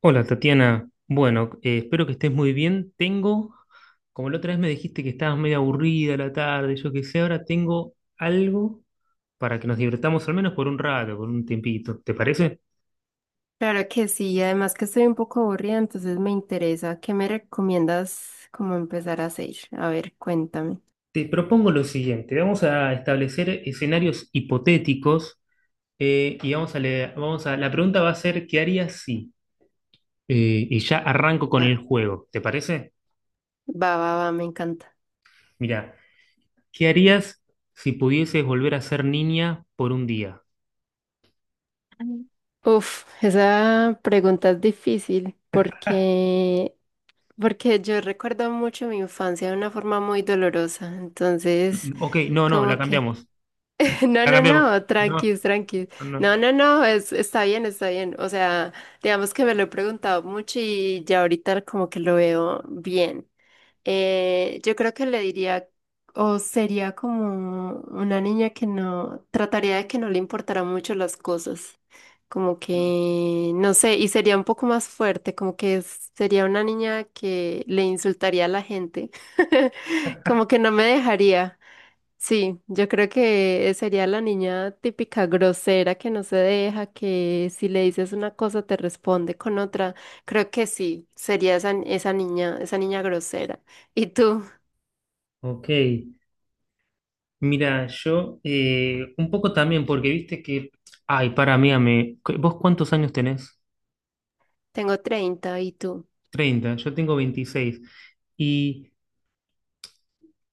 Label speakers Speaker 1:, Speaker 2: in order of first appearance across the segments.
Speaker 1: Hola Tatiana, bueno, espero que estés muy bien. Tengo, como la otra vez me dijiste que estabas medio aburrida a la tarde, yo qué sé, ahora tengo algo para que nos divirtamos al menos por un rato, por un tiempito, ¿te parece?
Speaker 2: Claro que sí, además que estoy un poco aburrida, entonces me interesa. ¿Qué me recomiendas como empezar a hacer? A ver, cuéntame.
Speaker 1: Te propongo lo siguiente, vamos a establecer escenarios hipotéticos, y vamos a leer, vamos a, la pregunta va a ser, ¿qué harías si? Y ya arranco con
Speaker 2: Va,
Speaker 1: el juego, ¿te parece?
Speaker 2: va, va, va, me encanta.
Speaker 1: Mira, ¿qué harías si pudieses volver a ser niña por un día?
Speaker 2: Mm. Uf, esa pregunta es difícil porque yo recuerdo mucho mi infancia de una forma muy dolorosa. Entonces,
Speaker 1: Ok, no, no, la
Speaker 2: como que...
Speaker 1: cambiamos.
Speaker 2: No,
Speaker 1: Ha
Speaker 2: no,
Speaker 1: cambiado.
Speaker 2: no,
Speaker 1: No,
Speaker 2: tranquis, tranquis.
Speaker 1: no.
Speaker 2: No, no, no, está bien, está bien. O sea, digamos que me lo he preguntado mucho y ya ahorita como que lo veo bien. Yo creo que le diría, o sería como una niña que no, trataría de que no le importara mucho las cosas, como que, no sé, y sería un poco más fuerte, como que sería una niña que le insultaría a la gente. Como que no me dejaría. Sí, yo creo que sería la niña típica grosera que no se deja, que si le dices una cosa te responde con otra. Creo que sí, sería esa niña, esa niña grosera. ¿Y tú?
Speaker 1: Ok. Mira, yo, un poco también, porque viste que. Ay, para mí, ame, ¿vos cuántos años tenés?
Speaker 2: Tengo 30, ¿y tú?
Speaker 1: 30. Yo tengo 26. Y,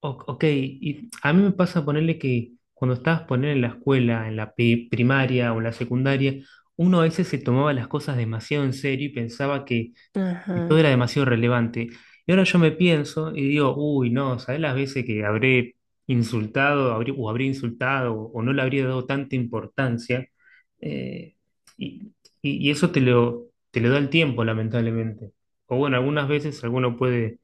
Speaker 1: ok, y a mí me pasa ponerle que cuando estabas poner en la escuela, en la primaria o en la secundaria, uno a veces se tomaba las cosas demasiado en serio y pensaba que y todo era
Speaker 2: Ajá.
Speaker 1: demasiado relevante. Y ahora yo me pienso y digo, uy, no, ¿sabes las veces que habré insultado o habré insultado o no le habría dado tanta importancia? Eh, y, y eso te lo da el tiempo, lamentablemente. O bueno, algunas veces alguno puede,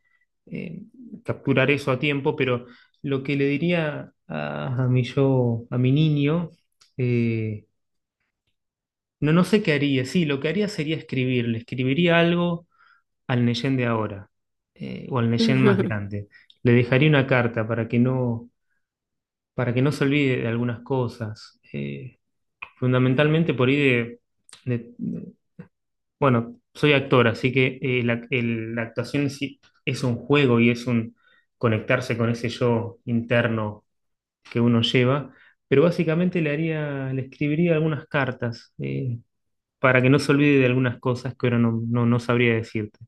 Speaker 1: eh, capturar eso a tiempo, pero lo que le diría a mi yo, a mi niño, eh, no, no sé qué haría. Sí, lo que haría sería escribirle. Escribiría algo al Neyen de ahora, o al Neyen más grande. Le dejaría una carta para que no se olvide de algunas cosas. Fundamentalmente
Speaker 2: Ujú.
Speaker 1: por ahí de, de- de- bueno, soy actor, así que, la, la actuación sí es un juego y es un conectarse con ese yo interno que uno lleva. Pero básicamente le haría, le escribiría algunas cartas, para que no se olvide de algunas cosas que ahora no sabría decirte.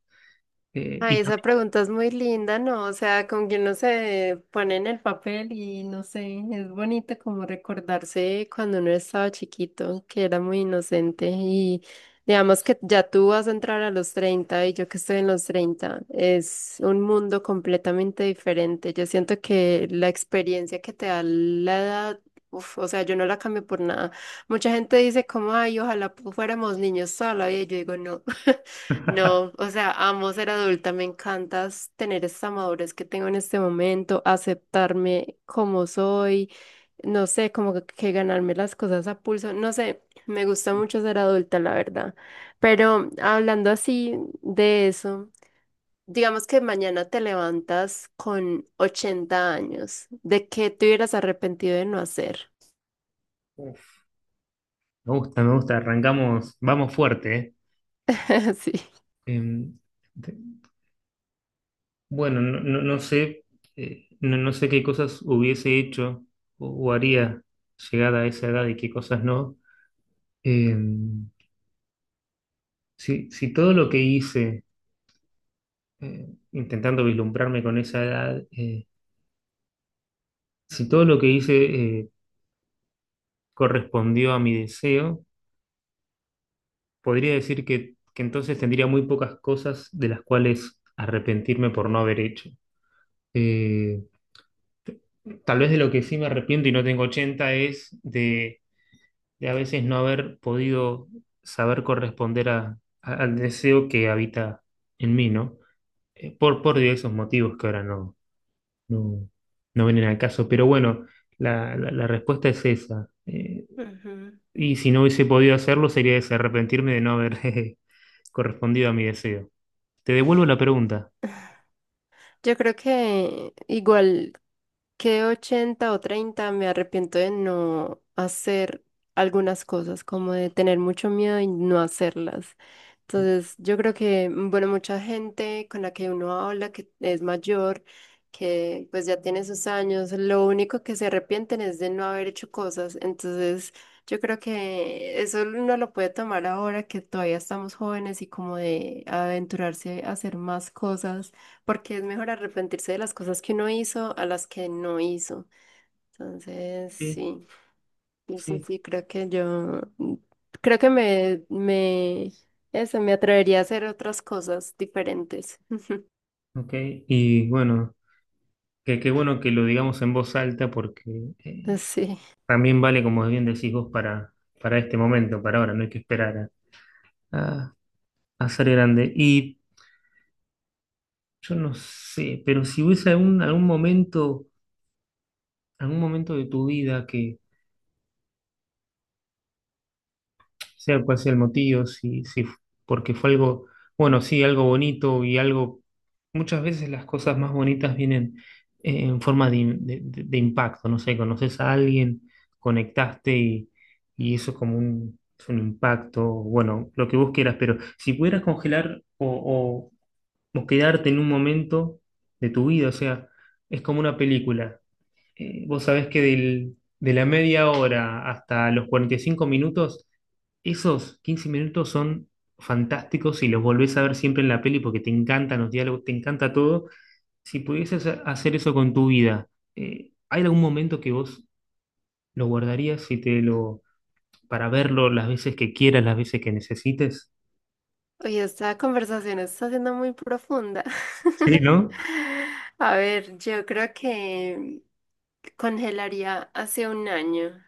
Speaker 2: Ay,
Speaker 1: Y
Speaker 2: esa
Speaker 1: también-
Speaker 2: pregunta es muy linda, ¿no? O sea, como que uno se pone en el papel y no sé, es bonito como recordarse cuando uno estaba chiquito, que era muy inocente, y digamos que ya tú vas a entrar a los 30 y yo que estoy en los 30 es un mundo completamente diferente. Yo siento que la experiencia que te da la edad, uf, o sea, yo no la cambio por nada. Mucha gente dice como, ay, ojalá fuéramos niños sola, y yo digo, no. No, o sea, amo ser adulta, me encanta s- tener esta madurez que tengo en este momento, aceptarme como soy, no sé, como que ganarme las cosas a pulso, no sé, me gusta mucho ser adulta, la verdad. Pero hablando así de eso, digamos que mañana te levantas con 80 años, ¿de qué te hubieras arrepentido de no hacer?
Speaker 1: Me gusta, me gusta. Arrancamos, vamos fuerte, ¿eh?
Speaker 2: Sí.
Speaker 1: Em, te- bueno, no sé, no, no sé qué cosas hubiese hecho o haría llegada a esa edad y qué cosas no. Em, si, si todo lo que hice, intentando vislumbrarme con esa edad, si todo lo que hice, eh, correspondió a mi deseo, podría decir que entonces tendría muy pocas cosas de las cuales arrepentirme por no haber hecho. Eh, Tal vez de lo que sí me arrepiento y no tengo 80 es de a veces no haber podido saber corresponder al deseo que habita en mí, ¿no? Por diversos motivos que ahora, no, no vienen al caso. Pero bueno, la, la respuesta es esa.
Speaker 2: Ujú.
Speaker 1: Y si no hubiese podido hacerlo, sería ese, arrepentirme de no haber jeje, correspondido a mi deseo. Te devuelvo la pregunta.
Speaker 2: Yo creo que igual, que 80 o 30 me arrepiento de no hacer algunas cosas, como de tener mucho miedo y no hacerlas. Entonces, yo creo que, bueno, mucha gente con la que uno habla, que es mayor, que pues ya tiene sus años, lo único que se arrepienten es de no haber hecho cosas. Entonces, yo creo que eso uno lo puede tomar ahora que todavía estamos jóvenes y como de aventurarse a hacer más cosas porque es mejor arrepentirse de las cosas que uno hizo a las que no hizo. Entonces,
Speaker 1: Sí,
Speaker 2: sí, sí, sí,
Speaker 1: sí,
Speaker 2: sí, creo que me, eso, me atrevería a hacer otras cosas diferentes.
Speaker 1: ok. Y bueno, que qué bueno que lo digamos en voz alta porque...
Speaker 2: Sí.
Speaker 1: también vale, como bien decís vos, para este momento, para ahora, no hay que esperar a, a- a ser grande. Y yo no sé, pero si hubiese algún, algún momento de tu vida sea cual sea el motivo, si, si, porque fue algo, bueno, sí, algo bonito y algo, muchas veces las cosas más bonitas vienen, en forma de, de impacto, no sé, conoces a alguien, conectaste y eso es como un, es un impacto, bueno, lo que vos quieras, pero si pudieras congelar o, o quedarte en un momento de tu vida, o sea, es como una película. Vos sabés que de la media hora hasta los 45 minutos, esos 15 minutos son fantásticos y los volvés a ver siempre en la peli porque te encantan los diálogos, te encanta todo. Si pudieses hacer eso con tu vida, ¿hay algún momento que vos lo guardarías y te lo, para verlo las veces que quieras, las veces que necesites?
Speaker 2: Oye, esta conversación está siendo muy profunda.
Speaker 1: Sí, ¿no?
Speaker 2: A ver, yo creo que congelaría hace un año.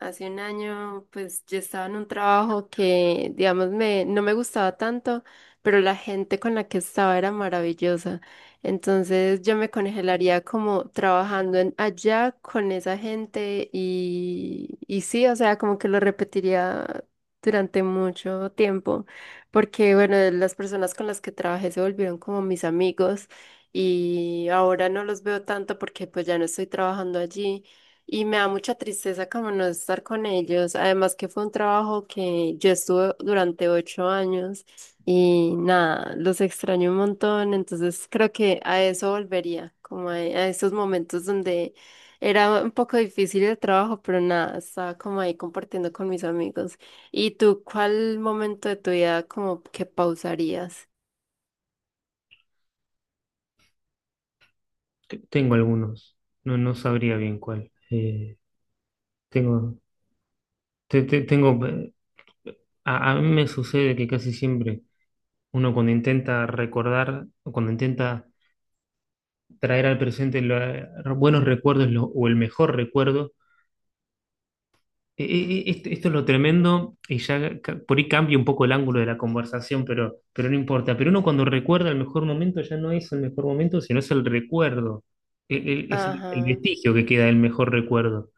Speaker 2: Hace un año, pues yo estaba en un trabajo que, digamos, me, no me gustaba tanto, pero la gente con la que estaba era maravillosa. Entonces yo me congelaría como trabajando allá con esa gente y sí, o sea, como que lo repetiría durante mucho tiempo porque bueno, de las personas con las que trabajé se volvieron como mis amigos y ahora no los veo tanto porque pues ya no estoy trabajando allí y me da mucha tristeza como no estar con ellos, además que fue un trabajo que yo estuve durante 8 años y nada, los extraño un montón, entonces creo que a eso volvería, como a, esos momentos donde era un poco difícil el trabajo, pero nada, estaba como ahí compartiendo con mis amigos. ¿Y tú cuál momento de tu vida como que pausarías?
Speaker 1: Tengo algunos. No, no sabría bien cuál. Tengo, tengo, a mí me sucede que casi siempre uno cuando intenta recordar, o cuando intenta traer al presente los buenos recuerdos, o el mejor recuerdo, esto, esto es lo tremendo y ya, por ahí cambia un poco el ángulo de la conversación, pero no importa. Pero uno cuando recuerda el mejor momento ya no es el mejor momento, sino es el recuerdo, es el
Speaker 2: Ajá,
Speaker 1: vestigio que queda del mejor recuerdo.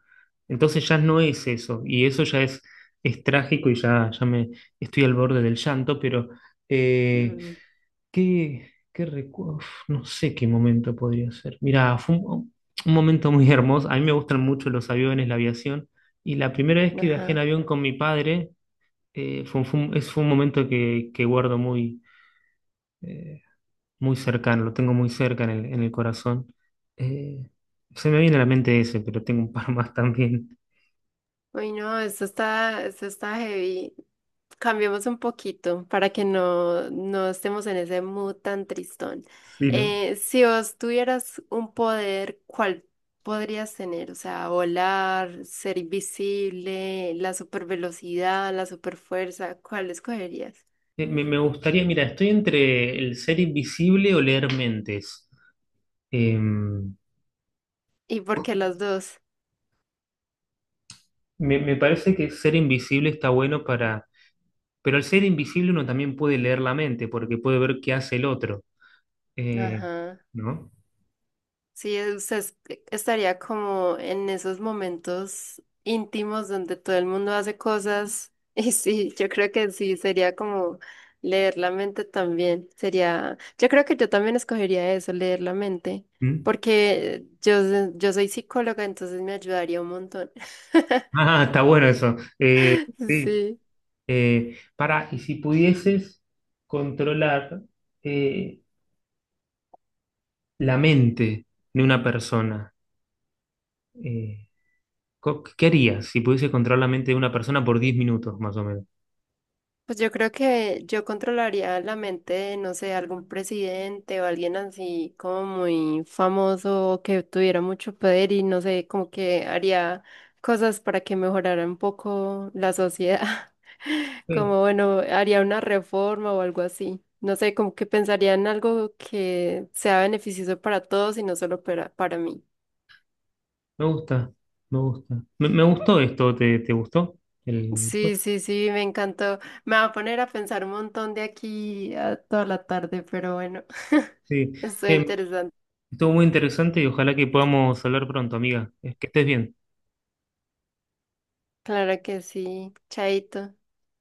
Speaker 1: Entonces ya no es eso y eso ya es trágico y ya, ya me estoy al borde del llanto, pero... eh,
Speaker 2: mm,
Speaker 1: Uf, no sé qué momento podría ser. Mira, fue un momento muy hermoso. A mí me gustan mucho los aviones, la aviación. Y la primera vez que viajé en
Speaker 2: ajá.
Speaker 1: avión con mi padre, fue, un, fue un momento que guardo muy, eh, muy cercano, lo tengo muy cerca en el corazón. Eh, se me viene a la mente ese, pero tengo un par más también.
Speaker 2: Uy, no, esto está heavy. Cambiemos un poquito para que no estemos en ese mood tan tristón.
Speaker 1: Sí, ¿no?
Speaker 2: Si vos tuvieras un poder, ¿cuál podrías tener? O sea, volar, ser invisible, la supervelocidad, la superfuerza, ¿cuál escogerías?
Speaker 1: Me, me gustaría, mira, estoy entre el ser invisible o leer mentes. Em,
Speaker 2: ¿Y por qué las dos?
Speaker 1: Me, me parece que ser invisible está bueno para... Pero al ser invisible uno también puede leer la mente, porque puede ver qué hace el otro. Eh,
Speaker 2: Ajá.
Speaker 1: ¿No?
Speaker 2: Sí, usted estaría como en esos momentos íntimos donde todo el mundo hace cosas. Y sí, yo creo que sí, sería como leer la mente también. Sería, yo creo que yo también escogería eso, leer la mente,
Speaker 1: ¿Mm?
Speaker 2: porque yo soy psicóloga, entonces me ayudaría un montón.
Speaker 1: Ah, está bueno eso. Sí.
Speaker 2: Sí.
Speaker 1: Para, y si pudieses controlar, eh, la mente de una persona, eh, ¿qué harías si pudieses controlar la mente de una persona por 10 minutos, más o menos?
Speaker 2: Pues yo creo que yo controlaría la mente de, no sé, algún presidente o alguien así como muy famoso que tuviera mucho poder y no sé, como que haría cosas para que mejorara un poco la sociedad.
Speaker 1: Sí,
Speaker 2: Como bueno, haría una reforma o algo así. No sé, como que pensaría en algo que sea beneficioso para todos y no solo para mí.
Speaker 1: me gusta, me gusta. Me gustó esto, ¿te, te gustó? El-
Speaker 2: Sí, sí, sí, me encantó. Me va a poner a pensar un montón de aquí a toda la tarde, pero bueno,
Speaker 1: sí.
Speaker 2: estoy
Speaker 1: Eh,
Speaker 2: interesante.
Speaker 1: estuvo muy interesante y ojalá que podamos hablar pronto, amiga. Es que estés bien.
Speaker 2: Claro que sí, chaito.